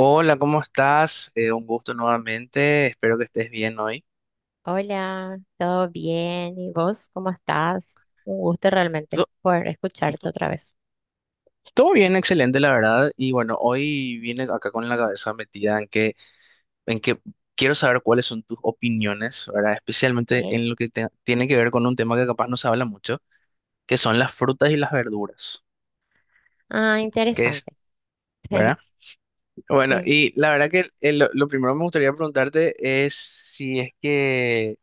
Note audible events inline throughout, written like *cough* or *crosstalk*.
Hola, ¿cómo estás? Un gusto nuevamente. Espero que estés bien hoy. Hola, ¿todo bien? ¿Y vos cómo estás? Un gusto realmente To- poder escucharte to- otra vez. Todo bien, excelente, la verdad. Y bueno, hoy vine acá con la cabeza metida en que quiero saber cuáles son tus opiniones, ¿verdad? Especialmente ¿Eh? en lo que tiene que ver con un tema que capaz no se habla mucho, que son las frutas y las verduras. Ah, ¿Qué interesante. es, *laughs* verdad? Bueno, Sí. y la verdad que lo primero que me gustaría preguntarte es si es que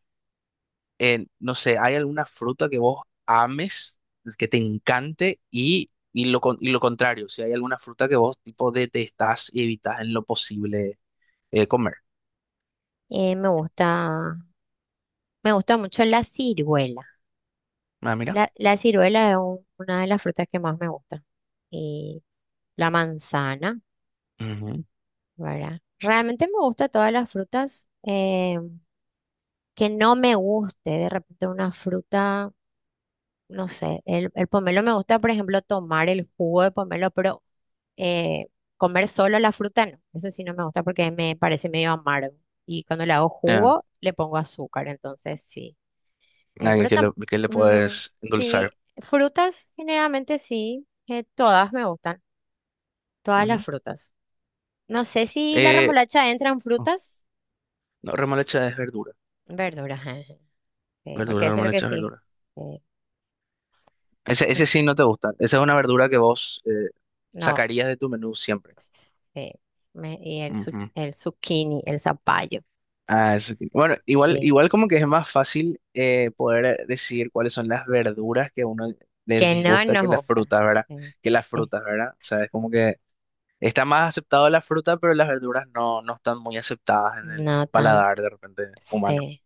no sé, ¿hay alguna fruta que vos ames, que te encante y y lo contrario? Si hay alguna fruta que vos tipo detestás y evitas en lo posible comer. Eh, me gusta, me gusta mucho la ciruela. Ah, mira. La ciruela es una de las frutas que más me gusta. Y la manzana, Ujú. ¿verdad? Realmente me gusta todas las frutas. Que no me guste de repente una fruta. No sé, el pomelo me gusta, por ejemplo, tomar el jugo de pomelo, pero eh, comer solo la fruta no. Eso sí no me gusta porque me parece medio amargo. Y cuando le hago Ah, jugo, le pongo azúcar, entonces sí. Eh, alguien pero que tam- le mm, puedes sí, endulzar. frutas generalmente sí, todas me gustan, todas las Ujú. frutas. No sé si la Eh, remolacha entra en oh, frutas, no, remolacha es verdura. verduras. *laughs* Sí, porque Verdura, eso es lo que remolacha es sí. verdura. eh, Ese, por- ese sí no te gusta. Esa es una verdura que vos no. sacarías de tu menú siempre. eh, y Ujú. el zucchini, el zapallo, Bueno, igual, eh, igual como que es más fácil poder decidir cuáles son las verduras que a uno le que no disgusta nos que las gusta. frutas, ¿verdad? eh, Que las eh, frutas, ¿verdad? O sea, es como que está más aceptado la fruta, pero las verduras no, no están muy aceptadas en el no tanto, paladar de repente humano. sí.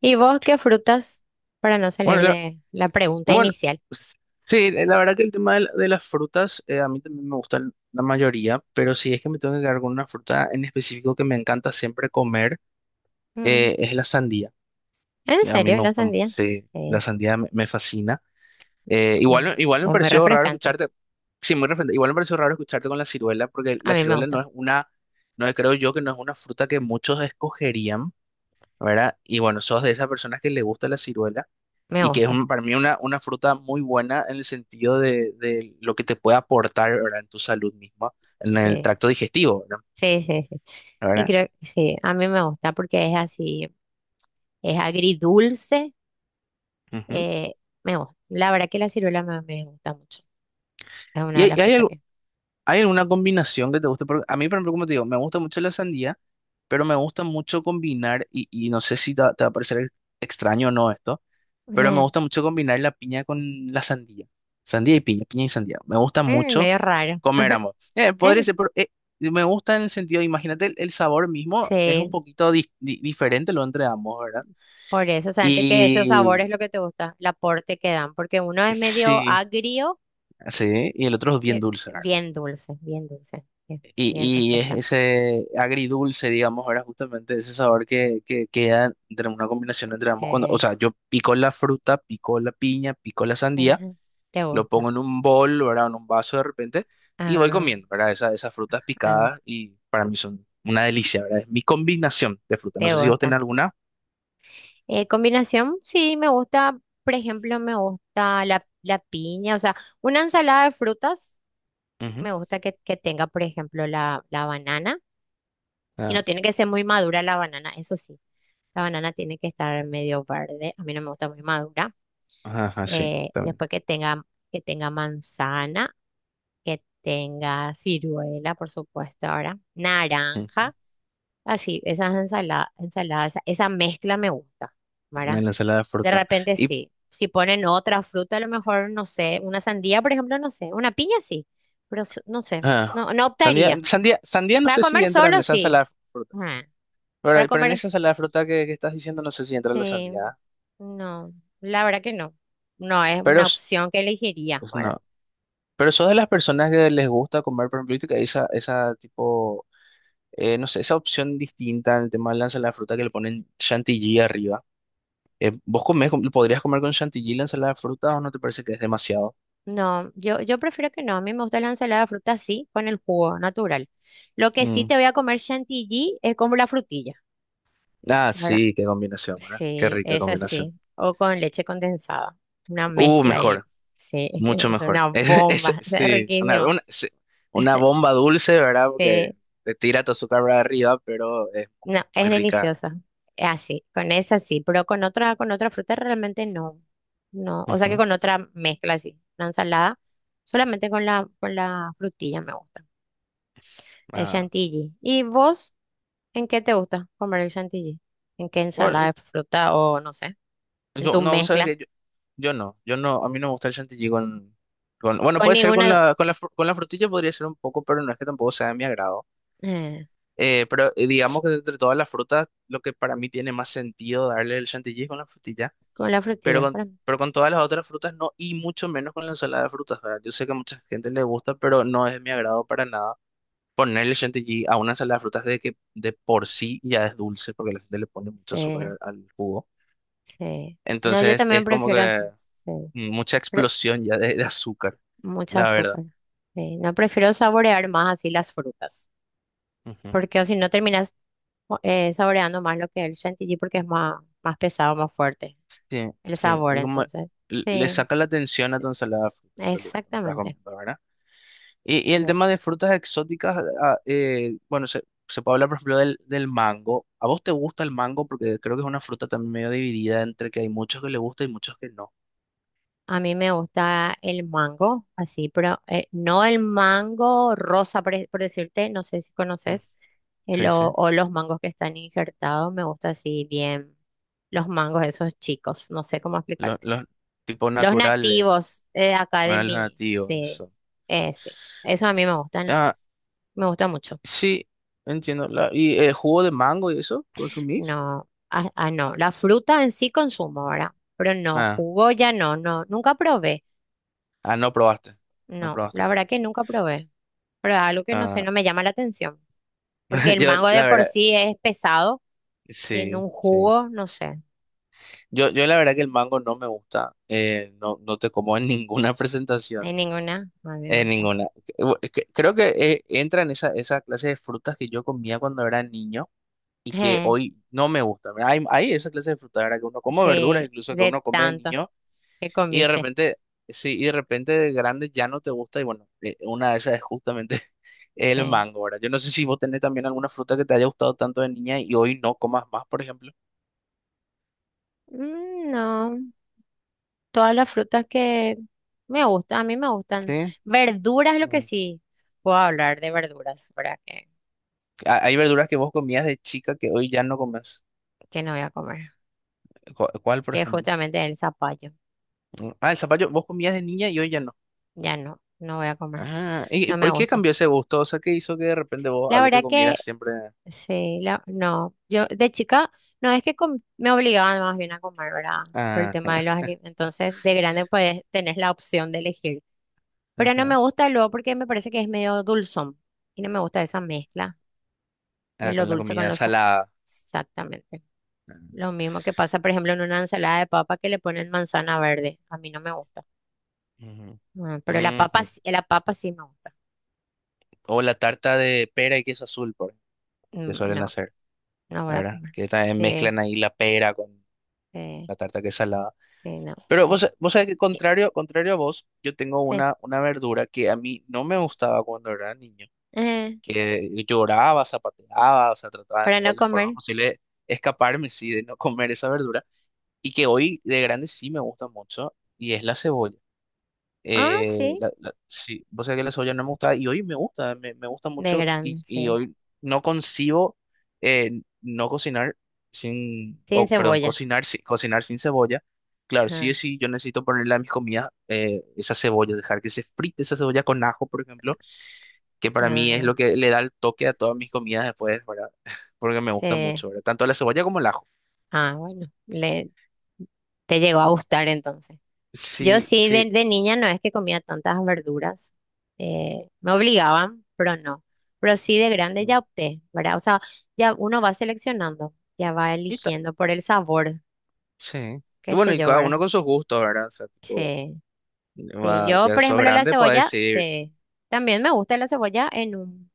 ¿Y vos qué frutas? Para no Bueno, salir la- de la pregunta bueno, inicial. sí, la verdad que el tema de, de las frutas a mí también me gustan la mayoría, pero si es que me tengo que quedar con una fruta en específico que me encanta siempre comer, Mm, es la sandía. ¿En A mí serio? me ¿La gusta mucho, sandía? sí, la Sí, sandía me fascina. Eh, igual, sí. igual me Es muy pareció raro refrescante. escucharte, sí, muy referente, igual me pareció raro escucharte con la ciruela, porque A la mí me ciruela no gusta, es una, no es- creo yo que no es una fruta que muchos escogerían, ¿verdad? Y bueno, sos de esas personas que le gusta la ciruela me y que es gusta. Para mí una fruta muy buena en el sentido de lo que te puede aportar, ¿verdad? En tu salud misma, en el Sí, tracto digestivo, ¿verdad? sí, sí, sí. Y ¿Verdad? creo que sí, a mí me gusta porque es así, es agridulce. Ujú. eh, Me gusta. La verdad que la ciruela me gusta mucho. Es una Y de hay, las hay frutas que. ¿Hay alguna combinación que te guste? Porque a mí, por ejemplo, como te digo, me gusta mucho la sandía, pero me gusta mucho combinar, y no sé si te va a parecer extraño o no esto, pero me Eh, gusta mucho combinar la piña con la sandía. Sandía y piña, piña y sandía. Me gusta mucho Medio raro. comer *laughs* ambos. Podría Es- ser, pero me gusta en el sentido, imagínate, el sabor mismo es un Sí, poquito diferente lo entre ambos, ¿verdad? por eso. O sea, antes que esos sabores Y es lo que te gusta, el aporte que dan, porque uno es medio sí, agrio, sí, y el otro es bien que- dulce, ¿verdad? bien dulce, bien dulce, bien, Y, bien y es refrescante. ese agridulce, digamos, era justamente ese sabor que queda entre una combinación entre ambos. O Sí, sea, yo pico la fruta, pico la piña, pico la sí, sandía, ajá. Te lo pongo gusta. en un bol, ¿verdad? En un vaso de repente y voy Ah, comiendo, ¿verdad? Esas frutas ah, picadas y para mí son una delicia, ¿verdad? Es mi combinación de frutas. No te sé si vos tenés gusta. alguna. Combinación, sí, me gusta, por ejemplo, me gusta la piña, o sea, una ensalada de frutas, Ujú. me gusta que tenga, por ejemplo, la banana. Y Ah, no tiene que ser muy madura la banana, eso sí. La banana tiene que estar medio verde, a mí no me gusta muy madura. ajá, ajá, sí, también. Después que tenga manzana, que tenga ciruela, por supuesto, ahora, Ujú. naranja, así, ensaladas, esa mezcla me gusta, En ¿verdad? la ensalada de De fruta. repente Y sí, si ponen otra fruta, a lo mejor, no sé, una sandía, por ejemplo, no sé, una piña sí, pero no sé, ah, no, no Sandía, optaría. sandía, sandía no Para sé si comer entra en solo esa sí. ensalada. Ajá. Para Pero en comer, esa salada de fruta que estás diciendo no sé si entra la sí. sandía. ¿Eh? No, la verdad que no. No es Pero una s- opción que elegiría pues ahora. no. Pero sos de las personas que les gusta comer, por ejemplo, y que no sé, esa opción distinta en el tema de la ensalada de fruta que le ponen chantilly arriba. ¿Vos podrías comer con chantilly la ensalada de fruta o no te parece que es demasiado? No, yo prefiero que no. A mí me gusta la ensalada de fruta así, con el jugo natural. Lo que sí Mm. te voy a comer chantilly es como la frutilla, Ah, ¿verdad? sí, qué combinación, ¿verdad? Qué Sí, rica es combinación. así. O con leche condensada. Una mezcla ahí. Mejor. Sí, *laughs* Mucho es mejor. una *laughs* bomba. *laughs* Es Sí, riquísimo. Sí, una bomba dulce, ¿verdad? Porque Sí. te tira tu azúcar para arriba, pero es No, muy es rica. deliciosa. Es así, con esa sí, pero con otra, fruta realmente no. No, o sea que Ujú. con otra mezcla así, una ensalada, solamente con la frutilla me gusta. El Ah, chantilly. ¿Y vos en qué te gusta comer el chantilly? ¿En qué bueno, ensalada de fruta o no sé? ¿En yo tu no, sabes mezcla? que yo no, yo no, a mí no me gusta el chantilly con, bueno, Con puede ser con ninguna, la, con la frutilla podría ser un poco, pero no es que tampoco sea de mi agrado. eh, Digamos que entre todas las frutas, lo que para mí tiene más sentido darle el chantilly es con la frutilla. con la Pero frutilla, con, para mí. pero con todas las otras frutas no, y mucho menos con la ensalada de frutas, ¿verdad? Yo sé que a mucha gente le gusta, pero no es de mi agrado para nada ponerle chantilly a una ensalada de frutas de que de por sí ya es dulce, porque la gente le pone mucho azúcar Sí, al jugo. sí. No, yo Entonces también es como prefiero que así. Sí. mucha Pre- explosión ya de azúcar, Mucha la verdad. azúcar. Sí, no prefiero saborear más así las frutas. Ujú. Porque o si no terminas saboreando más lo que es el chantilly porque es más pesado, más fuerte Sí, el sí. sabor, Y como entonces. le Sí, saca la atención a tu ensalada de frutas, en realidad, cuando estás exactamente. comiendo, ¿verdad? Y el Sí. tema de frutas exóticas, ah, bueno, se puede hablar, por ejemplo, del mango. ¿A vos te gusta el mango? Porque creo que es una fruta también medio dividida entre que hay muchos que le gusta y muchos que no. A mí me gusta el mango, así, pero no el mango rosa, por decirte, no sé si Mm, conoces, el sí, o, sí. o los mangos que están injertados, me gusta así bien, los mangos esos chicos, no sé cómo Los, explicarte. los tipos Los naturales, nativos acá no de eran los mí, nativos, sí, eso. Sí, eso a mí me gustan. Ah, Me gusta mucho. sí, entiendo. ¿Y el jugo de mango y eso? ¿Consumís? No, ah, ah, no. La fruta en sí consumo ahora, pero no, Ah, jugo ya no, no, nunca probé. ah, no probaste. No No, probaste. la verdad que nunca probé. Pero es algo que no sé, Ah, no me llama la atención. Porque *laughs* el yo, mango de la por verdad, sí es pesado y en sí, un sí. jugo, no sé, Yo la verdad que el mango no me gusta, no, no te como en *laughs* ninguna hay presentación. ninguna. A mí me En gusta. ninguna. Bu- que Creo que entra en esa clase de frutas que yo comía cuando era niño y que Eh, hoy no me gusta. ¿Verdad? Hay esa clase de frutas, ¿verdad? Que uno come verduras, sí, incluso que de uno come de tanto niño que y de comiste. Sí, y de repente de grande ya no te gusta y bueno, una de esas es justamente *laughs* el Sí. mango, ¿verdad? Yo no sé si vos tenés también alguna fruta que te haya gustado tanto de niña y hoy no comas más, por ejemplo. No, todas las frutas que me gustan, a mí me gustan. Sí. Verduras, lo que Mm. sí, puedo hablar de verduras, ¿verdad? Que Hay verduras que vos comías de chica que hoy ya no comes. que no voy a comer, ¿Cuál, por que es ejemplo? justamente el zapallo. Mm. Ah, el zapallo, vos comías de niña y hoy ya no. Ya no, no voy a comer, Ah, y no me por qué gusta. cambió ese gusto? O sea, ¿qué hizo que de repente vos La algo que verdad que comieras siempre? sí, no, yo de chica no es que me obligaban más bien a comer, ¿verdad? Por el Ah, tema de los alimentos. Entonces, de grande pues tenés la opción de elegir. Pero no me ajá, gusta luego porque me parece que es medio dulzón y no me gusta esa mezcla de ah, lo con la dulce con comida lo salada. exactamente. Lo mismo que pasa, por ejemplo, en una ensalada de papa que le ponen manzana verde. A mí no me gusta. Ujú, Pero la papa, ujú. Sí me gusta. O la tarta de pera y queso azul, por ejemplo, que Mm. suelen No. hacer, No voy a ¿verdad? comer. Que también Sí, mezclan ahí la pera con sí, la tarta que es salada. sí, no, Pero vos, no. Vos sabés que Y- contrario a vos, yo tengo Sí. Una verdura que a mí no me gustaba cuando era niño, Eh, que lloraba, zapateaba, o sea, trataba de para no todas las formas comer. posibles de escaparme, sí, de no comer esa verdura. Y que hoy de grande sí me gusta mucho, y es la cebolla. Ah, sí. Sí, vos sabés que la cebolla no me gusta, y hoy me gusta, me gusta De mucho, y, grande, sí. y hoy no concibo no cocinar sin, Sin o perdón, cebolla. Cocinar sin cebolla. Claro, sí o Ah, sí, yo necesito ponerle a mis comidas esa cebolla, dejar que se frite esa cebolla con ajo, por ejemplo, que para mí es lo ah, que le da el toque a todas mis comidas después, ¿verdad? *laughs* Porque me gusta sí. mucho, ¿verdad? Tanto la cebolla como el ajo. Ah, bueno. Te llegó a gustar entonces. Yo Sí, sí, sí. de, niña no es que comía tantas verduras. Me obligaban, pero no. Pero sí, de grande Y ya opté, ¿verdad? O sea, ya uno va seleccionando, ya va ta- eligiendo por el sabor, Sí. Y qué bueno, sé y yo, cada ¿verdad? uno con sus gustos, ¿verdad? O sea, tipo, Sí. Sí, yo, ya por sos ejemplo, la grande, podés cebolla, decir. sí. También me gusta la cebolla en un,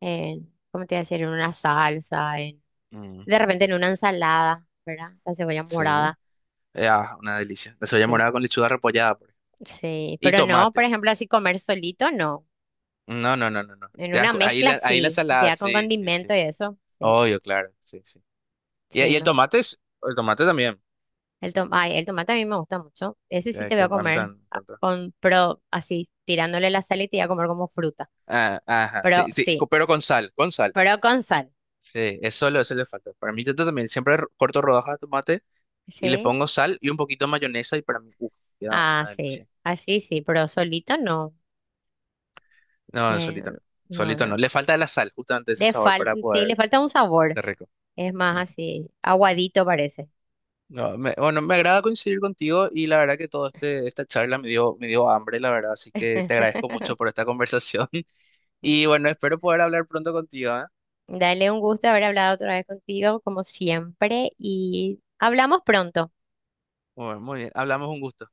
¿cómo te iba a decir? En una salsa, Mm, de repente en una ensalada, ¿verdad? La cebolla sí. morada. Ah, una delicia. La cebolla Sí, morada con lechuga repollada, por ejemplo. sí. Y Pero no, por tomate. ejemplo, así comer solito, no. No, no, no, no, no. En una Ahí mezcla, ahí la sí. ensalada, Ya con sí, sí, sí. condimento y eso, sí. Obvio, claro, sí, sí. Y Sí, el me gusta. tomate el tomate también, Ay, el tomate a mí me gusta mucho. Ese sí te voy que a a mí también comer me encanta. Pero así, tirándole la sal y te voy a comer como fruta. Ah, ajá, Pero sí, sí, sí, pero con sal, con sal. pero con sal. Sí, es solo eso le falta. Para mí yo también siempre corto rodajas de tomate y le Sí. pongo sal y un poquito de mayonesa y para mí, uff, queda Ah, una sí, delicia. así sí, sí, pero solito no. No, no, Eh, solito no. no, Solito no. no. Le falta la sal, justamente ese Le sabor fal para Sí, le poder falta un sabor. ser rico. Es más Ujú. así, aguadito parece. No, me- Bueno, me agrada coincidir contigo y la verdad que toda esta charla me dio hambre, la verdad. Así que te agradezco mucho *laughs* por esta conversación. *laughs* Y bueno, espero poder hablar pronto contigo, ¿eh? Dale, un gusto haber hablado otra vez contigo, como siempre, y hablamos pronto. Bueno, muy bien. Hablamos un gusto.